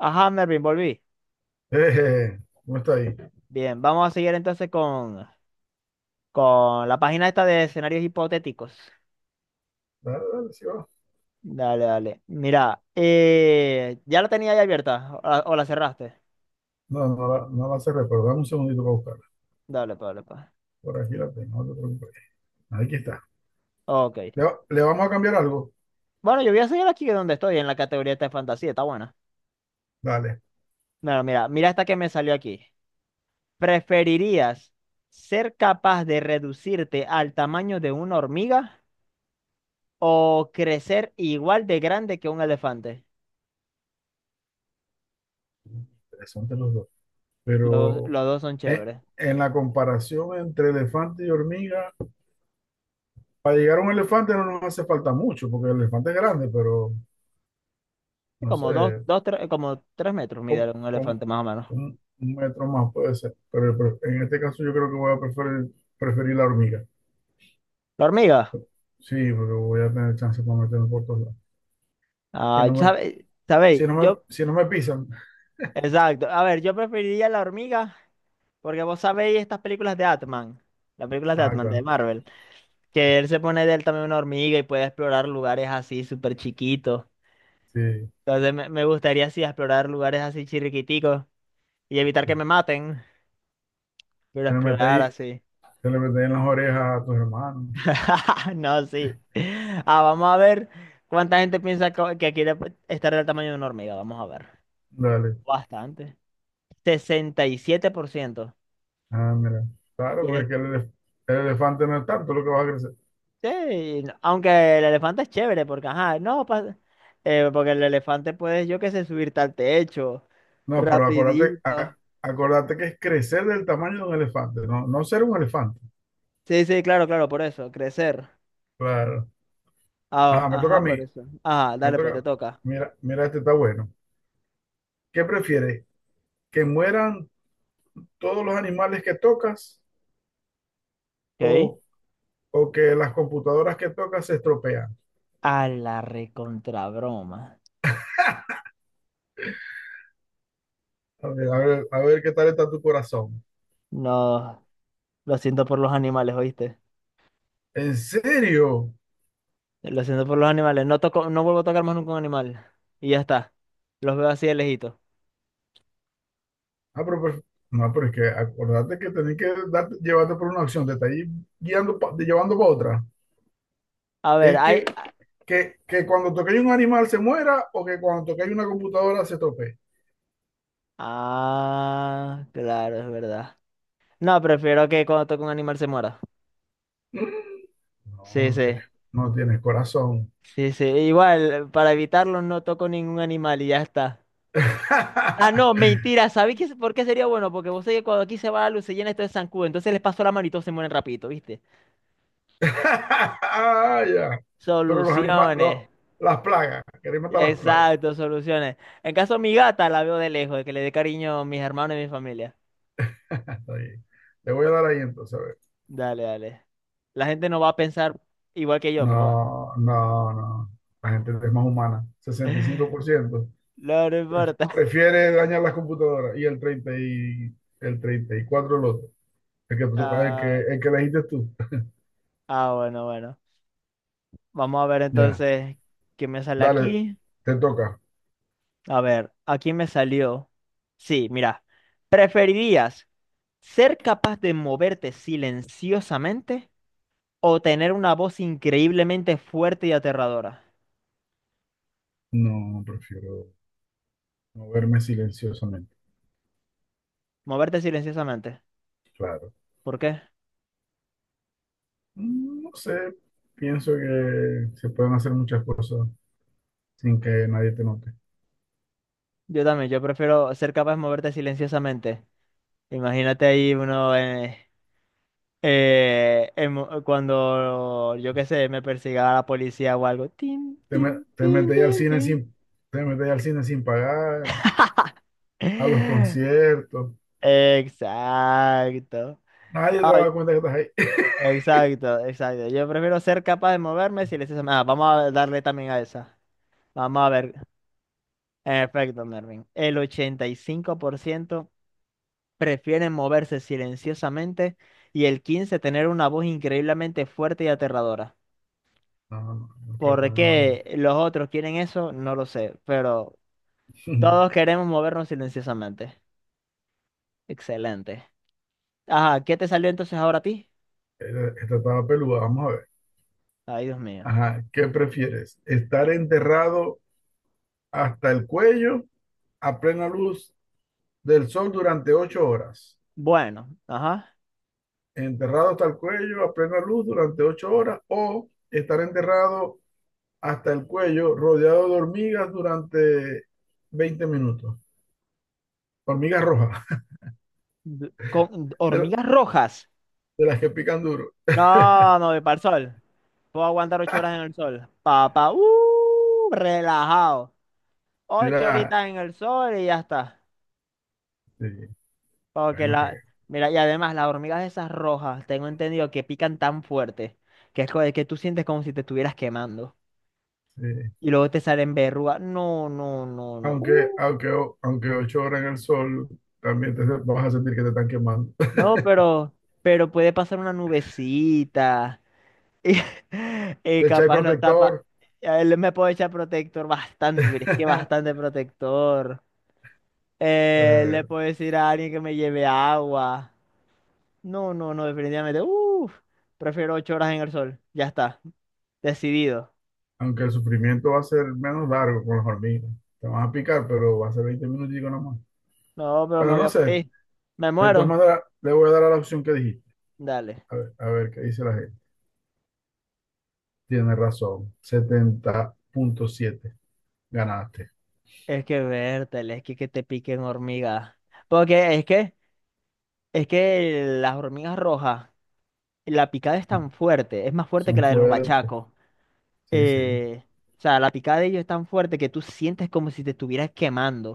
Ajá, Mervin, volví. Eh, no está ahí. Bien, vamos a seguir entonces con la página esta de escenarios hipotéticos. Dale, dale, sí va. Dale, dale. Mira, ya la tenía ahí abierta o la cerraste. No, no la cerré, pero dame un segundito para buscarla. Dale, pa, dale, pa. Por aquí la tengo, no te preocupes. Aquí está. Ok. Le vamos a cambiar algo. Bueno, yo voy a seguir aquí donde estoy, en la categoría esta de fantasía, está buena. Dale, Bueno, mira, mira esta que me salió aquí. ¿Preferirías ser capaz de reducirte al tamaño de una hormiga o crecer igual de grande que un elefante? interesantes los dos. Los, Pero los dos son eh, chéveres. en la comparación entre elefante y hormiga, para llegar a un elefante no nos hace falta mucho, porque el elefante es grande, pero Sí, no sé, como dos, dos, tres, como tres metros con, mide un con elefante más o menos. un metro más puede ser. Pero en este caso yo creo que voy a preferir la hormiga. La hormiga. Sí, porque voy a tener chance para meterme por todos lados. Sí, Ay, no me, sabe- sabéis, Si no me, yo, si no me pisan. exacto. A ver, yo preferiría la hormiga porque vos sabéis estas películas de Atman, las películas de Ah, Atman de claro. Marvel, que él se pone de él también una hormiga y puede explorar lugares así súper chiquitos. Sí, Entonces me gustaría así explorar lugares así chirriquiticos y evitar sí. que me maten, pero Se le mete explorar ahí, así. se le mete ahí en las orejas a tus hermanos. No, sí. Ah, vamos a ver cuánta gente piensa co- que quiere estar del tamaño de una hormiga. Vamos a ver. Dale. Bastante. 67%. Y siete por ciento. Ah, mira. Y Claro, porque es el- que el elefante no es tanto lo que va a crecer. sí, no- aunque el elefante es chévere, porque, ajá, no, pa- porque el elefante puede, yo qué sé, subirte al techo, No, pero acuérdate, rapidito. acuérdate que es crecer del tamaño de un elefante, no, no ser un elefante. Sí, sí, claro, claro, por eso, crecer. Claro. Ah, Ajá, me toca a ajá, mí. por eso. Ajá, Me dale, pues, te toca. toca. Mira, mira, este está bueno. ¿Qué prefieres? ¿Que mueran todos los animales que tocas Ok. o, o que las computadoras que tocas se estropean? A la recontrabroma. A ver, a ver, a ver qué tal está tu corazón. No, lo siento por los animales, ¿oíste? ¿En serio? Lo siento por los animales. No toco, no vuelvo a tocar más nunca un animal. Y ya está. Los veo así de lejito. Ah, pero, pues, no, pero es que acordate que tenés que llevarte por una acción, te está ahí guiando, llevando para otra. A ver, Es que, hay. que cuando toquéis un animal se muera o que cuando toquéis una computadora se tope. Ah, claro, es verdad. No, prefiero que cuando toque un animal se muera. No, Sí, no sí. tienes, no tienes corazón. Sí, sí. Igual, para evitarlo no toco ningún animal y ya está. Ah, no, mentira. ¿Sabéis qué- por qué sería bueno? Porque vos sabés que cuando aquí se va la luz se llena esto de zancudo. Entonces les paso la mano y todos se mueren rapidito, ¿viste? Ah, ya. Pero los animales, Soluciones. las plagas, queréis matar las plagas. Exacto, soluciones. En caso de mi gata la veo de lejos, de que le dé cariño a mis hermanos y mi familia. Está bien. Le voy a dar ahí entonces, a ver. Dale, dale. La gente no va a pensar igual que yo, pero bueno. No, no, no. La gente es más humana, Sesenta y cinco por ciento. No, no importa. Prefiere dañar las computadoras y el 34 el otro. El que, te toca, el que, Ah, el que elegiste tú. Ah, bueno, bueno. Vamos a ver Ya, entonces qué me sale dale, aquí. te toca. A ver, aquí me salió. Sí, mira. ¿Preferirías ser capaz de moverte silenciosamente o tener una voz increíblemente fuerte y aterradora? No, prefiero moverme silenciosamente, Moverte silenciosamente. claro. ¿Por qué? No sé, pienso que se pueden hacer muchas cosas sin que nadie te note. Yo también, yo prefiero ser capaz de moverte silenciosamente. Imagínate ahí uno en mo- cuando, yo qué sé, me persiga la policía o algo. Tin, Te, me- tin, te tin, metes al tin, cine tin. sin, te metes al cine sin pagar, a los conciertos. Exacto. Nadie te No, va a dar cuenta que estás ahí. exacto, exacto. Yo prefiero ser capaz de moverme si les hace- Ah, vamos a darle también a esa. Vamos a ver. En efecto, Mervin. El 85% prefieren moverse silenciosamente y el 15% tener una voz increíblemente fuerte y aterradora. No, no, no quiero ¿Por tener una voz. qué los otros quieren eso? No lo sé, pero todos queremos movernos silenciosamente. Excelente. Ajá, ¿qué te salió entonces ahora a ti? Esta estaba peluda, vamos a ver. Ay, Dios mío. Ajá, ¿qué prefieres? ¿Estar enterrado hasta el cuello a plena luz del sol durante 8 horas? Bueno, ajá. ¿Enterrado hasta el cuello a plena luz durante 8 horas? ¿O estar enterrado hasta el cuello rodeado de hormigas durante 20 minutos? Hormigas rojas, D- Con de hormigas rojas. las que pican duro. No, no, voy para el sol. Puedo aguantar ocho horas en el sol. Papá, relajado. Ocho Mira, horitas en el sol y ya está. sí, Porque bueno que la. Mira, y además las hormigas esas rojas, tengo entendido que pican tan fuerte que es co- que tú sientes como si te estuvieras quemando. sí. Y luego te salen verrugas. No, no, no, no. Aunque, aunque, o- aunque 8 horas en el sol, también te vas a sentir que te están quemando. No, pero puede pasar una nubecita. Y, y Te echáis capaz no tapa. protector, A él me puedo echar protector bastante, mire, es que bastante protector. Le Eh, puedo decir a alguien que me lleve agua. No, no, no, definitivamente. Uf, prefiero ocho horas en el sol. Ya está, decidido. aunque el sufrimiento va a ser menos largo con las hormigas. Te van a picar, pero va a ser 20 minutos nomás. No, pero me Pero voy no a sé, morir. Me de todas muero. maneras, le voy a dar a la opción que dijiste. Dale. A ver qué dice la gente. Tiene razón, 70,7. Ganaste. Es que vértele, es que te piquen hormigas. Porque es que las hormigas rojas, la picada es tan fuerte, es más fuerte que Son la de los fuertes. bachacos. Sí, sí, eh, o sea, la picada de ellos es tan fuerte que tú sientes como si te estuvieras quemando.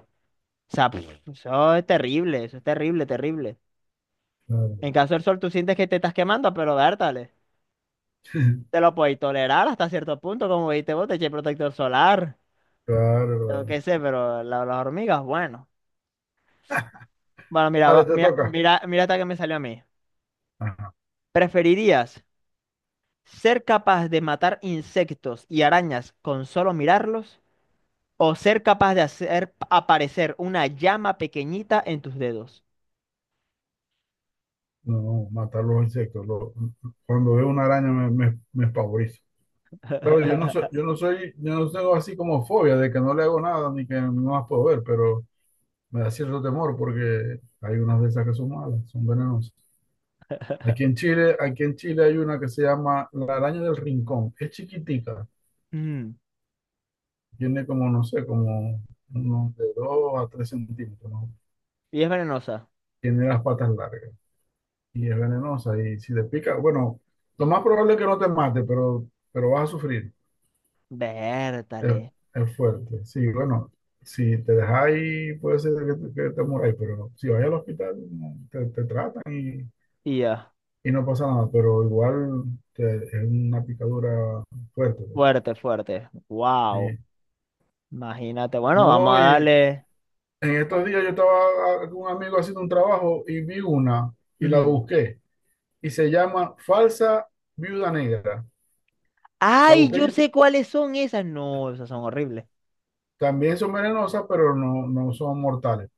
O sea, pf, eso es terrible, terrible. En claro. caso del sol, tú sientes que te estás quemando, pero vértale. Te lo puedes tolerar hasta cierto punto, como viste vos, te eché protector solar, Claro, yo claro. qué sé, pero la- las hormigas, bueno. Bueno, mira, Dale, va- te mira, toca. mira, mira hasta que me salió a mí. Ajá. ¿Preferirías ser capaz de matar insectos y arañas con solo mirarlos? O ser capaz de hacer aparecer una llama pequeñita en tus dedos. No, no, matar los insectos. Cuando veo una araña me espavorizo. Claro, yo no tengo así como fobia de que no le hago nada ni que no las puedo ver, pero me da cierto temor porque hay unas de esas que son malas, son venenosas. Aquí en Chile hay una que se llama la araña del rincón. Es chiquitica, Mm, tiene como, no sé, como unos de 2 a 3 centímetros, ¿no? y es venenosa. Tiene las patas largas y es venenosa y si te pica, bueno, lo más probable es que no te mate, pero vas a sufrir. Es, Vértale. es fuerte. Sí, bueno, si te dejas ahí, puede ser que que te muráis, pero si vas al hospital, no, te tratan Y ya. y no pasa nada, pero igual es una picadura fuerte, pues. Fuerte, fuerte. Wow. Sí. Imagínate. Bueno, vamos No, a y darle. en Oh, estos días yo estaba con un amigo haciendo un trabajo y vi una y la ujú. busqué y se llama falsa viuda negra. La ¡Ay! busqué Yo y sé cuáles son esas. No, esas son horribles. también son venenosas, pero no, no son mortales.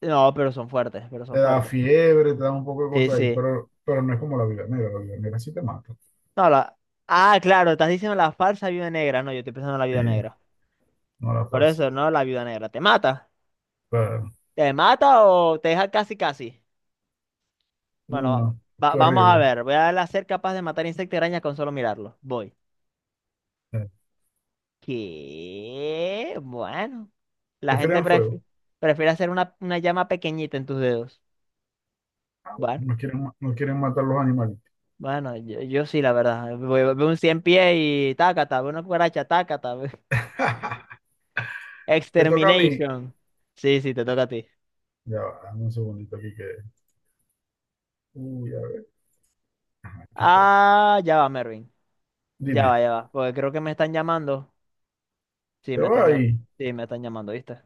No, pero son fuertes, pero Te son da fuertes. fiebre, te da un poco de Sí, cosas ahí, sí. pero no es como la mira sí te mata. No, la... Ah, claro, estás diciendo la falsa viuda negra. No, yo estoy pensando en la viuda Y negra. no la Por falsa. eso, no, la viuda negra. ¿Te mata? Claro. ¿Te mata o te deja casi casi? Uy, Bueno, no, va- qué vamos a horrible. ver. Voy a ser capaz de matar insectos y arañas con solo mirarlo. Voy. Eh, ¿Qué? Bueno. La gente Prefieren fuego. prefi- prefiere hacer una llama pequeñita en tus dedos. Ah, bueno, Bueno, no quieren matar los animales. bueno, yo sí, la verdad. Veo un 100 pies y tácata, veo una cucaracha, tácata. ve- Me toca a mí. Extermination. Sí, sí, te toca a ti. Ya va, dame un segundito aquí que. Uy, a ver. Ajá, aquí estoy. Ah, ya va, Mervin. Ya Dime, va, ya va. Porque creo que me están llamando. Sí, te me va están llamando. ahí. Sí, me están llamando, ¿viste?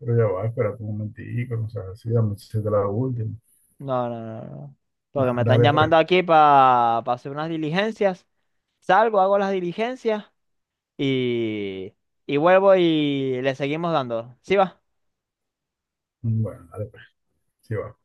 Pero ya va, espérate un momentico, no seas así, dame si te la última. No, no, no, no. Porque me están Dale pues. llamando aquí para hacer unas diligencias. Salgo, hago las diligencias y, y vuelvo y le seguimos dando. ¿Sí va? Bueno, dale pues. Sí va.